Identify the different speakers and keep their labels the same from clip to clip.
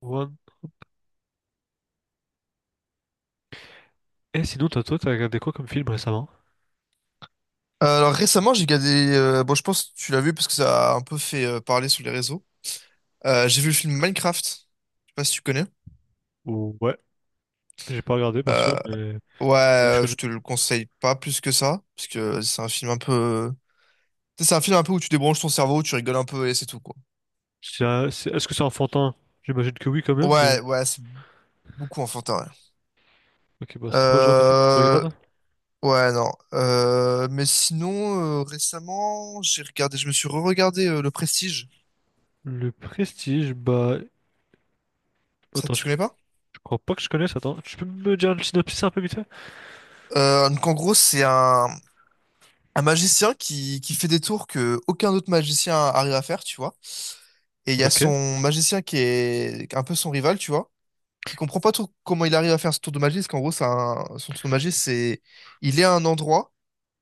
Speaker 1: One. Et sinon, toi, t'as regardé quoi comme film récemment?
Speaker 2: Alors récemment, j'ai regardé. Je pense que tu l'as vu parce que ça a un peu fait parler sur les réseaux. J'ai vu le film Minecraft. Je sais pas si tu connais.
Speaker 1: Ou ouais, j'ai pas regardé
Speaker 2: Euh,
Speaker 1: perso, mais
Speaker 2: ouais,
Speaker 1: ouais, je
Speaker 2: euh, je
Speaker 1: connais.
Speaker 2: te le conseille pas plus que ça parce que c'est un film un peu. C'est un film un peu où tu débranches ton cerveau, tu rigoles un peu et c'est tout quoi.
Speaker 1: Est-ce que c'est enfantin? J'imagine que oui quand même, mais...
Speaker 2: Ouais, ouais, c'est beaucoup enfantin.
Speaker 1: Ok, bah
Speaker 2: Ouais,
Speaker 1: c'est pas le genre de film que je regarde.
Speaker 2: ouais, non. Mais sinon, récemment, j'ai regardé. Je me suis re-regardé Le Prestige.
Speaker 1: Le Prestige, bah...
Speaker 2: Ça,
Speaker 1: Attends,
Speaker 2: tu
Speaker 1: je,
Speaker 2: connais
Speaker 1: je
Speaker 2: pas?
Speaker 1: crois pas que je connaisse, attends. Tu peux me dire le synopsis un peu vite fait?
Speaker 2: Donc en gros, c'est un magicien qui fait des tours que aucun autre magicien arrive à faire, tu vois. Et il y a
Speaker 1: Ok.
Speaker 2: son magicien qui est un peu son rival, tu vois, qui comprend pas trop comment il arrive à faire ce tour de magie, parce qu'en gros, son tour de magie, c'est il est à un endroit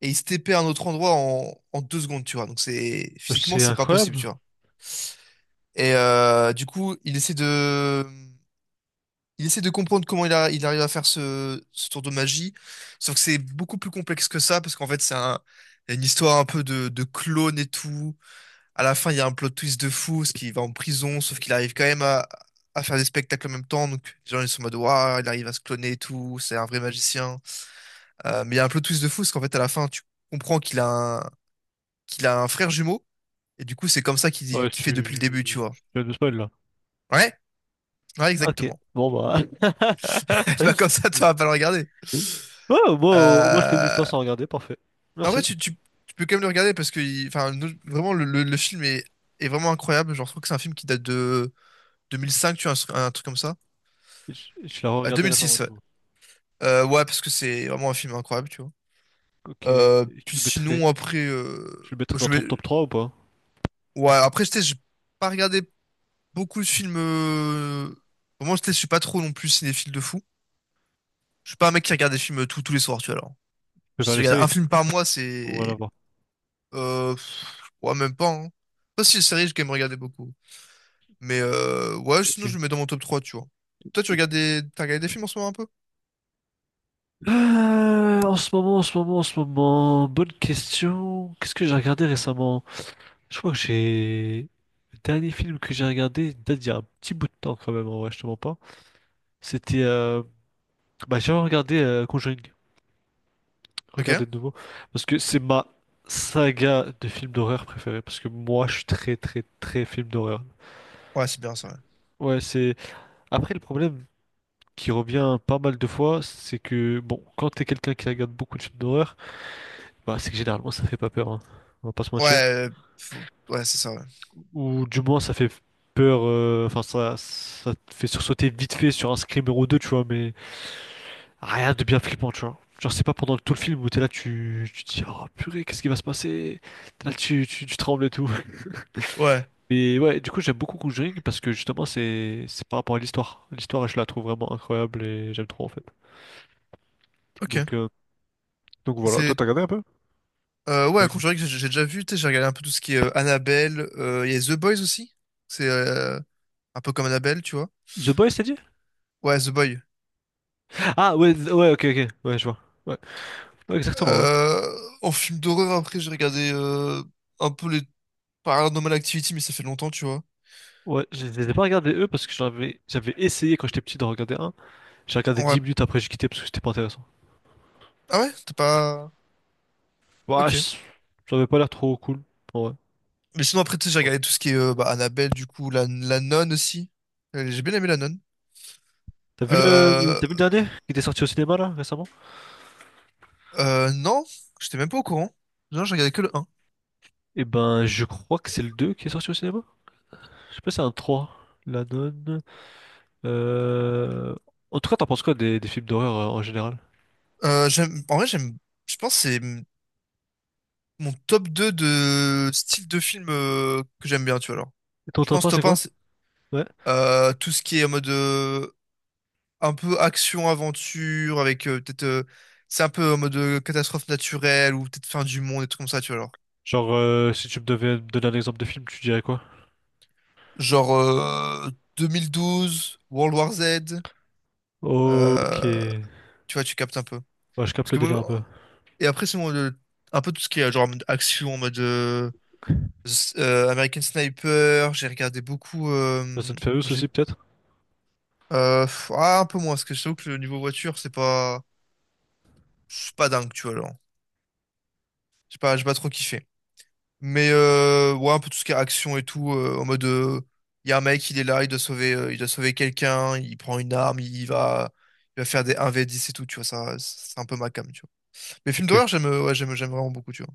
Speaker 2: et il se TP à un autre endroit en deux secondes, tu vois. Donc c'est physiquement,
Speaker 1: C'est
Speaker 2: c'est pas possible,
Speaker 1: incroyable.
Speaker 2: tu vois. Et du coup, il essaie de comprendre comment il arrive à faire ce tour de magie, sauf que c'est beaucoup plus complexe que ça, parce qu'en fait, une histoire un peu de clone et tout. À la fin, il y a un plot twist de fou, ce qu'il va en prison, sauf qu'il arrive quand même à faire des spectacles en même temps. Donc, les gens, ils sont en mode, waouh, il arrive à se cloner et tout, c'est un vrai magicien. Mais il y a un plot twist de fou, parce qu'en fait, à la fin, tu comprends qu'il a un frère jumeau, et du coup, c'est comme ça
Speaker 1: Ouais,
Speaker 2: qu'il fait depuis le
Speaker 1: tu...
Speaker 2: début, tu vois.
Speaker 1: Tu viens de spoil, là.
Speaker 2: Ouais, ouais,
Speaker 1: Ok,
Speaker 2: exactement.
Speaker 1: bon bah...
Speaker 2: Pas comme ça, tu vas pas le regarder.
Speaker 1: Ouais, moi, je connais
Speaker 2: Euh...
Speaker 1: l'histoire sans regarder, parfait.
Speaker 2: En vrai,
Speaker 1: Merci.
Speaker 2: tu peux quand même le regarder parce que vraiment, le film est, est vraiment incroyable. Genre, je trouve que c'est un film qui date de 2005, tu vois, un truc comme ça.
Speaker 1: Je l'ai regardé récemment.
Speaker 2: 2006, ouais. Ouais, parce que c'est vraiment un film incroyable, tu vois.
Speaker 1: Ok. Et tu
Speaker 2: Puis
Speaker 1: le mettrais?
Speaker 2: sinon, après,
Speaker 1: Tu le mettrais dans
Speaker 2: je vais...
Speaker 1: ton top 3 ou pas?
Speaker 2: Ouais, après, je sais, j'ai pas regardé beaucoup de films... Vraiment, je sais, je suis pas trop non plus cinéphile de fou. Je suis pas un mec qui regarde des films tous les soirs, tu vois, alors.
Speaker 1: Je
Speaker 2: Si
Speaker 1: préfère
Speaker 2: je
Speaker 1: les
Speaker 2: regarde
Speaker 1: séries.
Speaker 2: un film par mois,
Speaker 1: On va la
Speaker 2: c'est...
Speaker 1: voir.
Speaker 2: Euh... pff, Ouais, même pas, hein. Pas si les séries, j'ai quand même regardé beaucoup. Ouais,
Speaker 1: Ok.
Speaker 2: sinon, je le mets dans mon top 3 tu vois. Toi, tu regardes des... T'as regardé des films en ce moment un peu?
Speaker 1: En ce moment, en ce moment, en ce moment, bonne question. Qu'est-ce que j'ai regardé récemment? Je crois que j'ai... Le dernier film que j'ai regardé date d'il y a un petit bout de temps quand même, en vrai, je te mens pas. C'était... bah, j'ai regardé Conjuring. Regardez
Speaker 2: Ok.
Speaker 1: de nouveau. Parce que c'est ma saga de films d'horreur préférée. Parce que moi, je suis très, très, très film d'horreur.
Speaker 2: Ouais, c'est bien ça,
Speaker 1: Ouais, c'est... Après, le problème... qui revient pas mal de fois, c'est que, bon, quand t'es quelqu'un qui regarde beaucoup de films d'horreur, bah, c'est que généralement ça fait pas peur, hein. On va pas se
Speaker 2: ouais. Ouais,
Speaker 1: mentir.
Speaker 2: ouais, c'est ça, ouais.
Speaker 1: Ou du moins ça fait peur, enfin ça te fait sursauter vite fait sur un screamer ou deux, tu vois, mais rien de bien flippant, tu vois. Genre c'est pas pendant tout le film où t'es là, tu te dis, oh purée, qu'est-ce qui va se passer? T'es là, tu trembles et tout.
Speaker 2: Ouais,
Speaker 1: Et ouais, du coup j'aime beaucoup Conjuring parce que justement c'est par rapport à l'histoire. L'histoire, je la trouve vraiment incroyable et j'aime trop en fait.
Speaker 2: ok.
Speaker 1: Donc, euh, donc voilà. un
Speaker 2: C'est
Speaker 1: peu.
Speaker 2: Ouais,
Speaker 1: Ouais.
Speaker 2: Conjuring, j'ai déjà vu, tu sais, j'ai regardé un peu tout ce qui est Annabelle, il y a The Boys aussi, c'est un peu comme Annabelle, tu vois.
Speaker 1: The Boys, t'as dit?
Speaker 2: Ouais, The Boy.
Speaker 1: Ah ouais, ouais, ok, ok, ouais, je vois. Ouais, ouais, exactement, ouais.
Speaker 2: En film d'horreur, après, j'ai regardé un peu les Paranormal Activity, mais ça fait longtemps, tu vois.
Speaker 1: Ouais, je les ai pas regardés eux parce que j'avais essayé quand j'étais petit d'en regarder un. J'ai regardé
Speaker 2: Ouais.
Speaker 1: 10 minutes après, j'ai quitté parce que c'était pas intéressant.
Speaker 2: Ah ouais, t'as pas...
Speaker 1: Bah,
Speaker 2: Ok.
Speaker 1: je- J'avais pas l'air trop cool. En vrai.
Speaker 2: Mais sinon, après, tu sais, j'ai
Speaker 1: Bon.
Speaker 2: regardé tout ce qui est bah, Annabelle, du coup, la nonne aussi. J'ai bien aimé la nonne.
Speaker 1: T'as vu le...
Speaker 2: Euh,
Speaker 1: T'as vu le dernier qui était sorti au cinéma là récemment?
Speaker 2: non, j'étais même pas au courant. Non, j'ai regardé que le un.
Speaker 1: Eh ben, je crois que c'est le 2 qui est sorti au cinéma. Je sais pas si c'est un trois. La nonne. Euh... En tout cas, t'en penses quoi des films d'horreur en général?
Speaker 2: J'aime, en vrai, j'aime, je pense que c'est mon top 2 de style de film que j'aime bien, tu vois, alors.
Speaker 1: Et ton
Speaker 2: Je
Speaker 1: top
Speaker 2: pense
Speaker 1: un c'est
Speaker 2: top un
Speaker 1: quoi?
Speaker 2: c'est
Speaker 1: Ouais.
Speaker 2: tout ce qui est en mode un peu action-aventure, avec peut-être... c'est un peu en mode catastrophe naturelle, ou peut-être fin du monde, des trucs comme ça, tu vois, alors.
Speaker 1: Genre, si tu me devais me donner un exemple de film, tu dirais quoi?
Speaker 2: Genre 2012, World War Z,
Speaker 1: Ok.
Speaker 2: euh, tu vois, tu captes un peu.
Speaker 1: Ouais, je
Speaker 2: Parce
Speaker 1: capte le
Speaker 2: que,
Speaker 1: délire un peu.
Speaker 2: moi- et après, c'est mon, le- Un peu tout ce qui est genre en mode action, en mode American Sniper, j'ai regardé beaucoup...
Speaker 1: Fast and Furious
Speaker 2: j'ai-
Speaker 1: aussi, peut-être?
Speaker 2: Un peu moins, parce que je t'avoue que le niveau voiture, c'est pas dingue, tu vois, genre. J'ai pas trop kiffé. Mais, ouais, un peu tout ce qui est action et tout, en mode, y a un mec, il est là, il doit sauver quelqu'un, il prend une arme, il va faire des 1v10 et tout, tu vois, ça, c'est un peu ma came, tu vois. Mais films
Speaker 1: Ok.
Speaker 2: d'horreur, j'aime, ouais, j'aime, j'aime vraiment beaucoup, tu vois.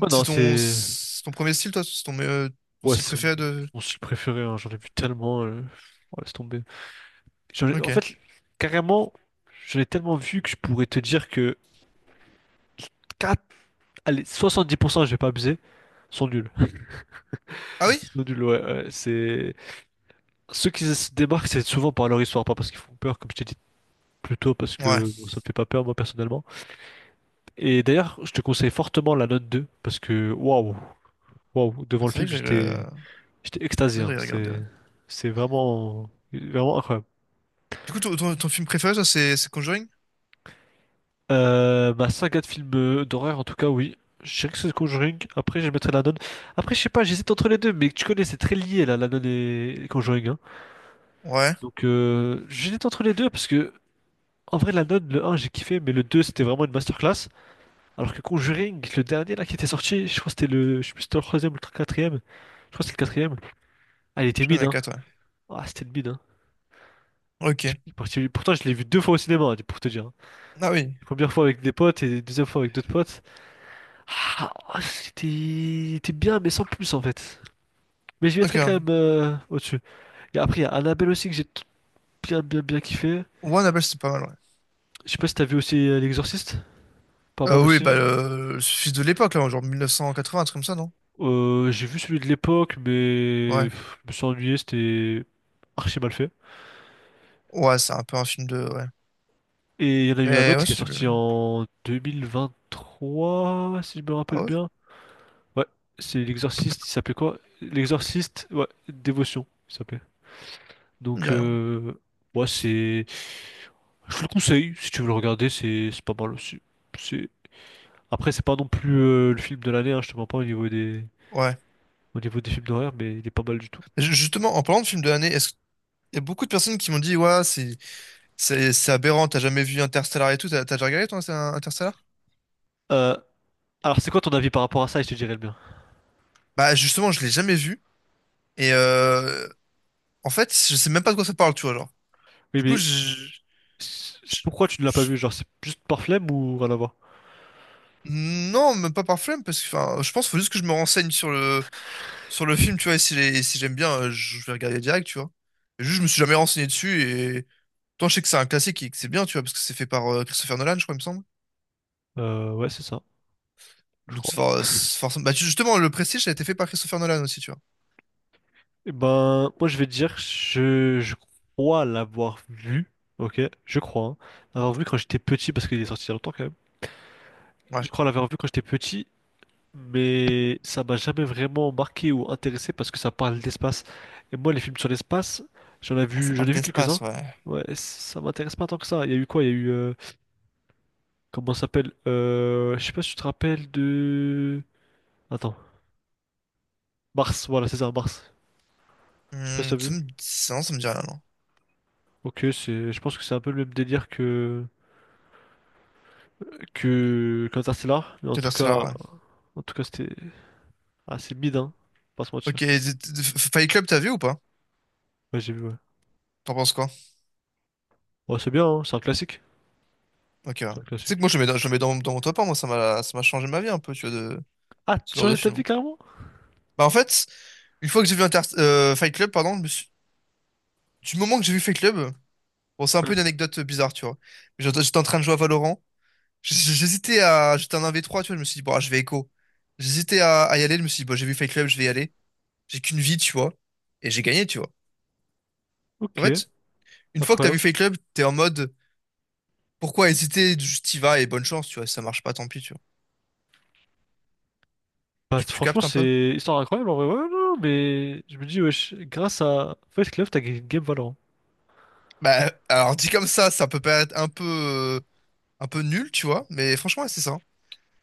Speaker 1: Ouais,
Speaker 2: c'est
Speaker 1: non, c'est.
Speaker 2: C'est ton premier style, toi, c'est ton, ton
Speaker 1: Ouais,
Speaker 2: style
Speaker 1: c'est mon
Speaker 2: préféré de,
Speaker 1: mon style préféré, hein. J'en ai vu tellement. Ouais, laisse tomber. En
Speaker 2: ok.
Speaker 1: fait, carrément, j'en ai tellement vu que je pourrais te dire que quatre. Allez, 70%, je vais pas abuser, sont nuls.
Speaker 2: Ah oui?
Speaker 1: Sont nuls, ouais. Ouais, c'est... Ceux qui se démarquent, c'est souvent par leur histoire, pas parce qu'ils font peur, comme je t'ai dit plus tôt, parce
Speaker 2: Ouais.
Speaker 1: que bon, ça me fait pas peur, moi, personnellement. Et d'ailleurs, je te conseille fortement la note 2 parce que, waouh, waouh,
Speaker 2: Ah,
Speaker 1: devant le
Speaker 2: faudrait que
Speaker 1: film,
Speaker 2: j'aille, le-
Speaker 1: j'étais j'étais extasié,
Speaker 2: Faudrait que
Speaker 1: hein.
Speaker 2: j'aille regarder, ouais.
Speaker 1: C'est vraiment, vraiment incroyable.
Speaker 2: Du coup, ton film préféré, ça, c'est Conjuring?
Speaker 1: Ma saga de films d'horreur, en tout cas, oui. Je dirais que c'est The Conjuring. Après, je mettrais La Nonne. Après, je sais pas, j'hésite entre les deux, mais tu connais, c'est très lié, là, La Nonne et Conjuring, hein.
Speaker 2: Ouais.
Speaker 1: Donc, j'hésite entre les deux, parce que, en vrai, La Nonne, le un j'ai kiffé, mais le 2 c'était vraiment une masterclass. Alors que Conjuring, le dernier, là, qui était sorti, je crois que c'était le, je sais plus, si c'était le troisième ou le quatrième. Je crois que c'était le quatrième. Ah, il était
Speaker 2: Je
Speaker 1: mid,
Speaker 2: connais
Speaker 1: hein.
Speaker 2: quatre, ouais.
Speaker 1: Ah, c'était le mid, hein. Je-
Speaker 2: Ok.
Speaker 1: pour- Pourtant, je l'ai vu deux fois au cinéma, hein, pour te dire, hein.
Speaker 2: Ah oui.
Speaker 1: Première fois avec des potes et deuxième fois avec d'autres potes. Ah, c'était bien, mais sans plus en fait. Mais je
Speaker 2: Ok.
Speaker 1: mettrais
Speaker 2: Ouais.
Speaker 1: quand même au-dessus. Et après, il y a Annabelle aussi que bien, bien, bien kiffé.
Speaker 2: One Apple, c'est pas mal, ouais.
Speaker 1: Je sais pas si t'as vu aussi L'Exorciste, pas mal
Speaker 2: Oui,
Speaker 1: aussi.
Speaker 2: bah, le fils de l'époque, là, genre 1980, un truc comme ça, non?
Speaker 1: J'ai vu celui de l'époque, mais
Speaker 2: Ouais.
Speaker 1: pff, je me suis ennuyé, c'était archi mal fait.
Speaker 2: Ouais, c'est un peu un film de. Ouais.
Speaker 1: Et il y en a eu un
Speaker 2: Mais
Speaker 1: autre
Speaker 2: ouais,
Speaker 1: qui est
Speaker 2: c'est.
Speaker 1: sorti en 2023, si je me rappelle
Speaker 2: Ah ouais?
Speaker 1: bien. Ouais, c'est L'Exorciste, il s'appelait quoi? L'Exorciste, ouais, Dévotion, il s'appelait.
Speaker 2: Je me
Speaker 1: Donc,
Speaker 2: dis rien.
Speaker 1: ouais, c'est. Je te le conseille, si tu veux le regarder, c'est pas mal aussi. C'est... Après, c'est pas non plus le film de l'année, hein, je te mens pas au niveau des...
Speaker 2: Ouais.
Speaker 1: au niveau des films d'horreur, mais il est pas mal du tout.
Speaker 2: Justement, en parlant de film de l'année, est-ce qu'il y a beaucoup de personnes qui m'ont dit, ouais, c'est aberrant, t'as jamais vu Interstellar et tout, t'as déjà regardé, toi, Interstellar?
Speaker 1: Euh, alors, c'est quoi ton avis par rapport à ça? Et je te dirais le mien.
Speaker 2: Bah, justement, je l'ai jamais vu. Et en fait, je sais même pas de quoi ça parle, tu vois, genre.
Speaker 1: Oui,
Speaker 2: Du coup,
Speaker 1: mais
Speaker 2: je,
Speaker 1: pourquoi tu ne l'as pas vu? Genre, c'est juste par flemme ou rien à voir?
Speaker 2: non, même pas par flemme, parce que enfin, je pense qu'il faut juste que je me renseigne sur le film, tu vois, et si, si j'aime bien, je vais regarder direct, tu vois. Et juste, je me suis jamais renseigné dessus, et toi, je sais que c'est un classique et que c'est bien, tu vois, parce que c'est fait par Christopher Nolan, je crois, il me semble.
Speaker 1: Ouais, c'est ça, je
Speaker 2: Donc,
Speaker 1: crois.
Speaker 2: c'est forcément. Justement, le Prestige ça a été fait par Christopher Nolan aussi, tu vois.
Speaker 1: Et ben, moi, je vais te dire, je crois l'avoir vu, ok? Je crois, hein, l'avoir vu quand j'étais petit, parce qu'il est sorti il y a longtemps quand même.
Speaker 2: Ouais.
Speaker 1: Je crois l'avoir vu quand j'étais petit mais ça m'a jamais vraiment marqué ou intéressé parce que ça parle d'espace. Et moi, les films sur l'espace,
Speaker 2: Ah, ça
Speaker 1: j'en
Speaker 2: parle
Speaker 1: ai vu quelques-uns.
Speaker 2: d'espace, ouais.
Speaker 1: Ouais, ça m'intéresse pas tant que ça. Il y a eu quoi? Il y a eu comment ça s'appelle? Je sais pas si tu te rappelles de. Attends, Mars. Voilà, c'est ça, Mars. Je sais pas si
Speaker 2: Hmm,
Speaker 1: t'as vu.
Speaker 2: non, ça me dit rien, non.
Speaker 1: Ok, c'est, je pense que c'est un peu le même délire que qu'Interstellar, mais
Speaker 2: Interstellar, ouais.
Speaker 1: en tout cas, c'était assez bide, hein. Pas se mentir.
Speaker 2: Ok, et Fight Club, t'as vu ou pas?
Speaker 1: Ouais, j'ai vu. Ouais,
Speaker 2: T'en penses quoi?
Speaker 1: ouais c'est bien, hein, c'est un classique.
Speaker 2: Ok, ouais.
Speaker 1: C'est un
Speaker 2: Tu sais que
Speaker 1: classique.
Speaker 2: moi, je le mets dans mon top 1, moi, ça m'a changé ma vie un peu, tu vois, de
Speaker 1: Ah, tu
Speaker 2: ce
Speaker 1: as
Speaker 2: genre de
Speaker 1: changé ta
Speaker 2: film.
Speaker 1: vie carrément?
Speaker 2: Bah en fait, une fois que j'ai vu Fight Club, pardon, du moment que j'ai vu Fight Club, bon c'est un peu une anecdote bizarre, tu vois. Mais j'étais en train de jouer à Valorant. J'hésitais à, j'étais en 1 v trois tu vois, je me suis dit bon ah, je vais écho. À y aller, je me suis dit bon j'ai vu Fight Club, je vais y aller. J'ai qu'une vie, tu vois, et j'ai gagné, tu vois. En
Speaker 1: Ok.
Speaker 2: fait, une fois que t'as vu
Speaker 1: Incroyable.
Speaker 2: Fight Club, t'es en mode pourquoi hésiter, juste y vas et bonne chance, tu vois. Si ça marche pas, tant pis, tu vois.
Speaker 1: Bah,
Speaker 2: Tu, tu
Speaker 1: franchement,
Speaker 2: captes un peu?
Speaker 1: c'est histoire incroyable en vrai. Ouais, non, mais je me dis, wesh, grâce à Fight Club, t'as gagné une game Valorant.
Speaker 2: Bah alors dit comme ça peut paraître un peu nul, tu vois, mais franchement ouais, c'est ça.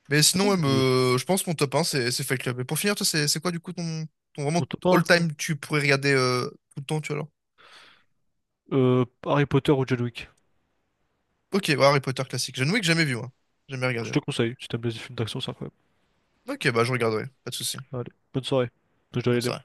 Speaker 2: Mais
Speaker 1: Non,
Speaker 2: sinon, ouais,
Speaker 1: je-
Speaker 2: je pense que mon top 1, c'est Fight Club. Et pour finir, toi, c'est quoi du coup ton, ton vraiment
Speaker 1: Mon top 1,
Speaker 2: all-time tu pourrais regarder tout le temps, tu vois, alors?
Speaker 1: Harry Potter ou John Wick.
Speaker 2: Ok, bah, Harry Potter classique. John Wick, jamais vu, moi. Jamais
Speaker 1: Je
Speaker 2: regardé.
Speaker 1: te
Speaker 2: Ouais.
Speaker 1: conseille, si t'aimes les films d'action, c'est incroyable.
Speaker 2: Ok, bah je regarderai, pas de souci.
Speaker 1: Allez, bonne soirée. Je dois
Speaker 2: Même
Speaker 1: aller
Speaker 2: ça.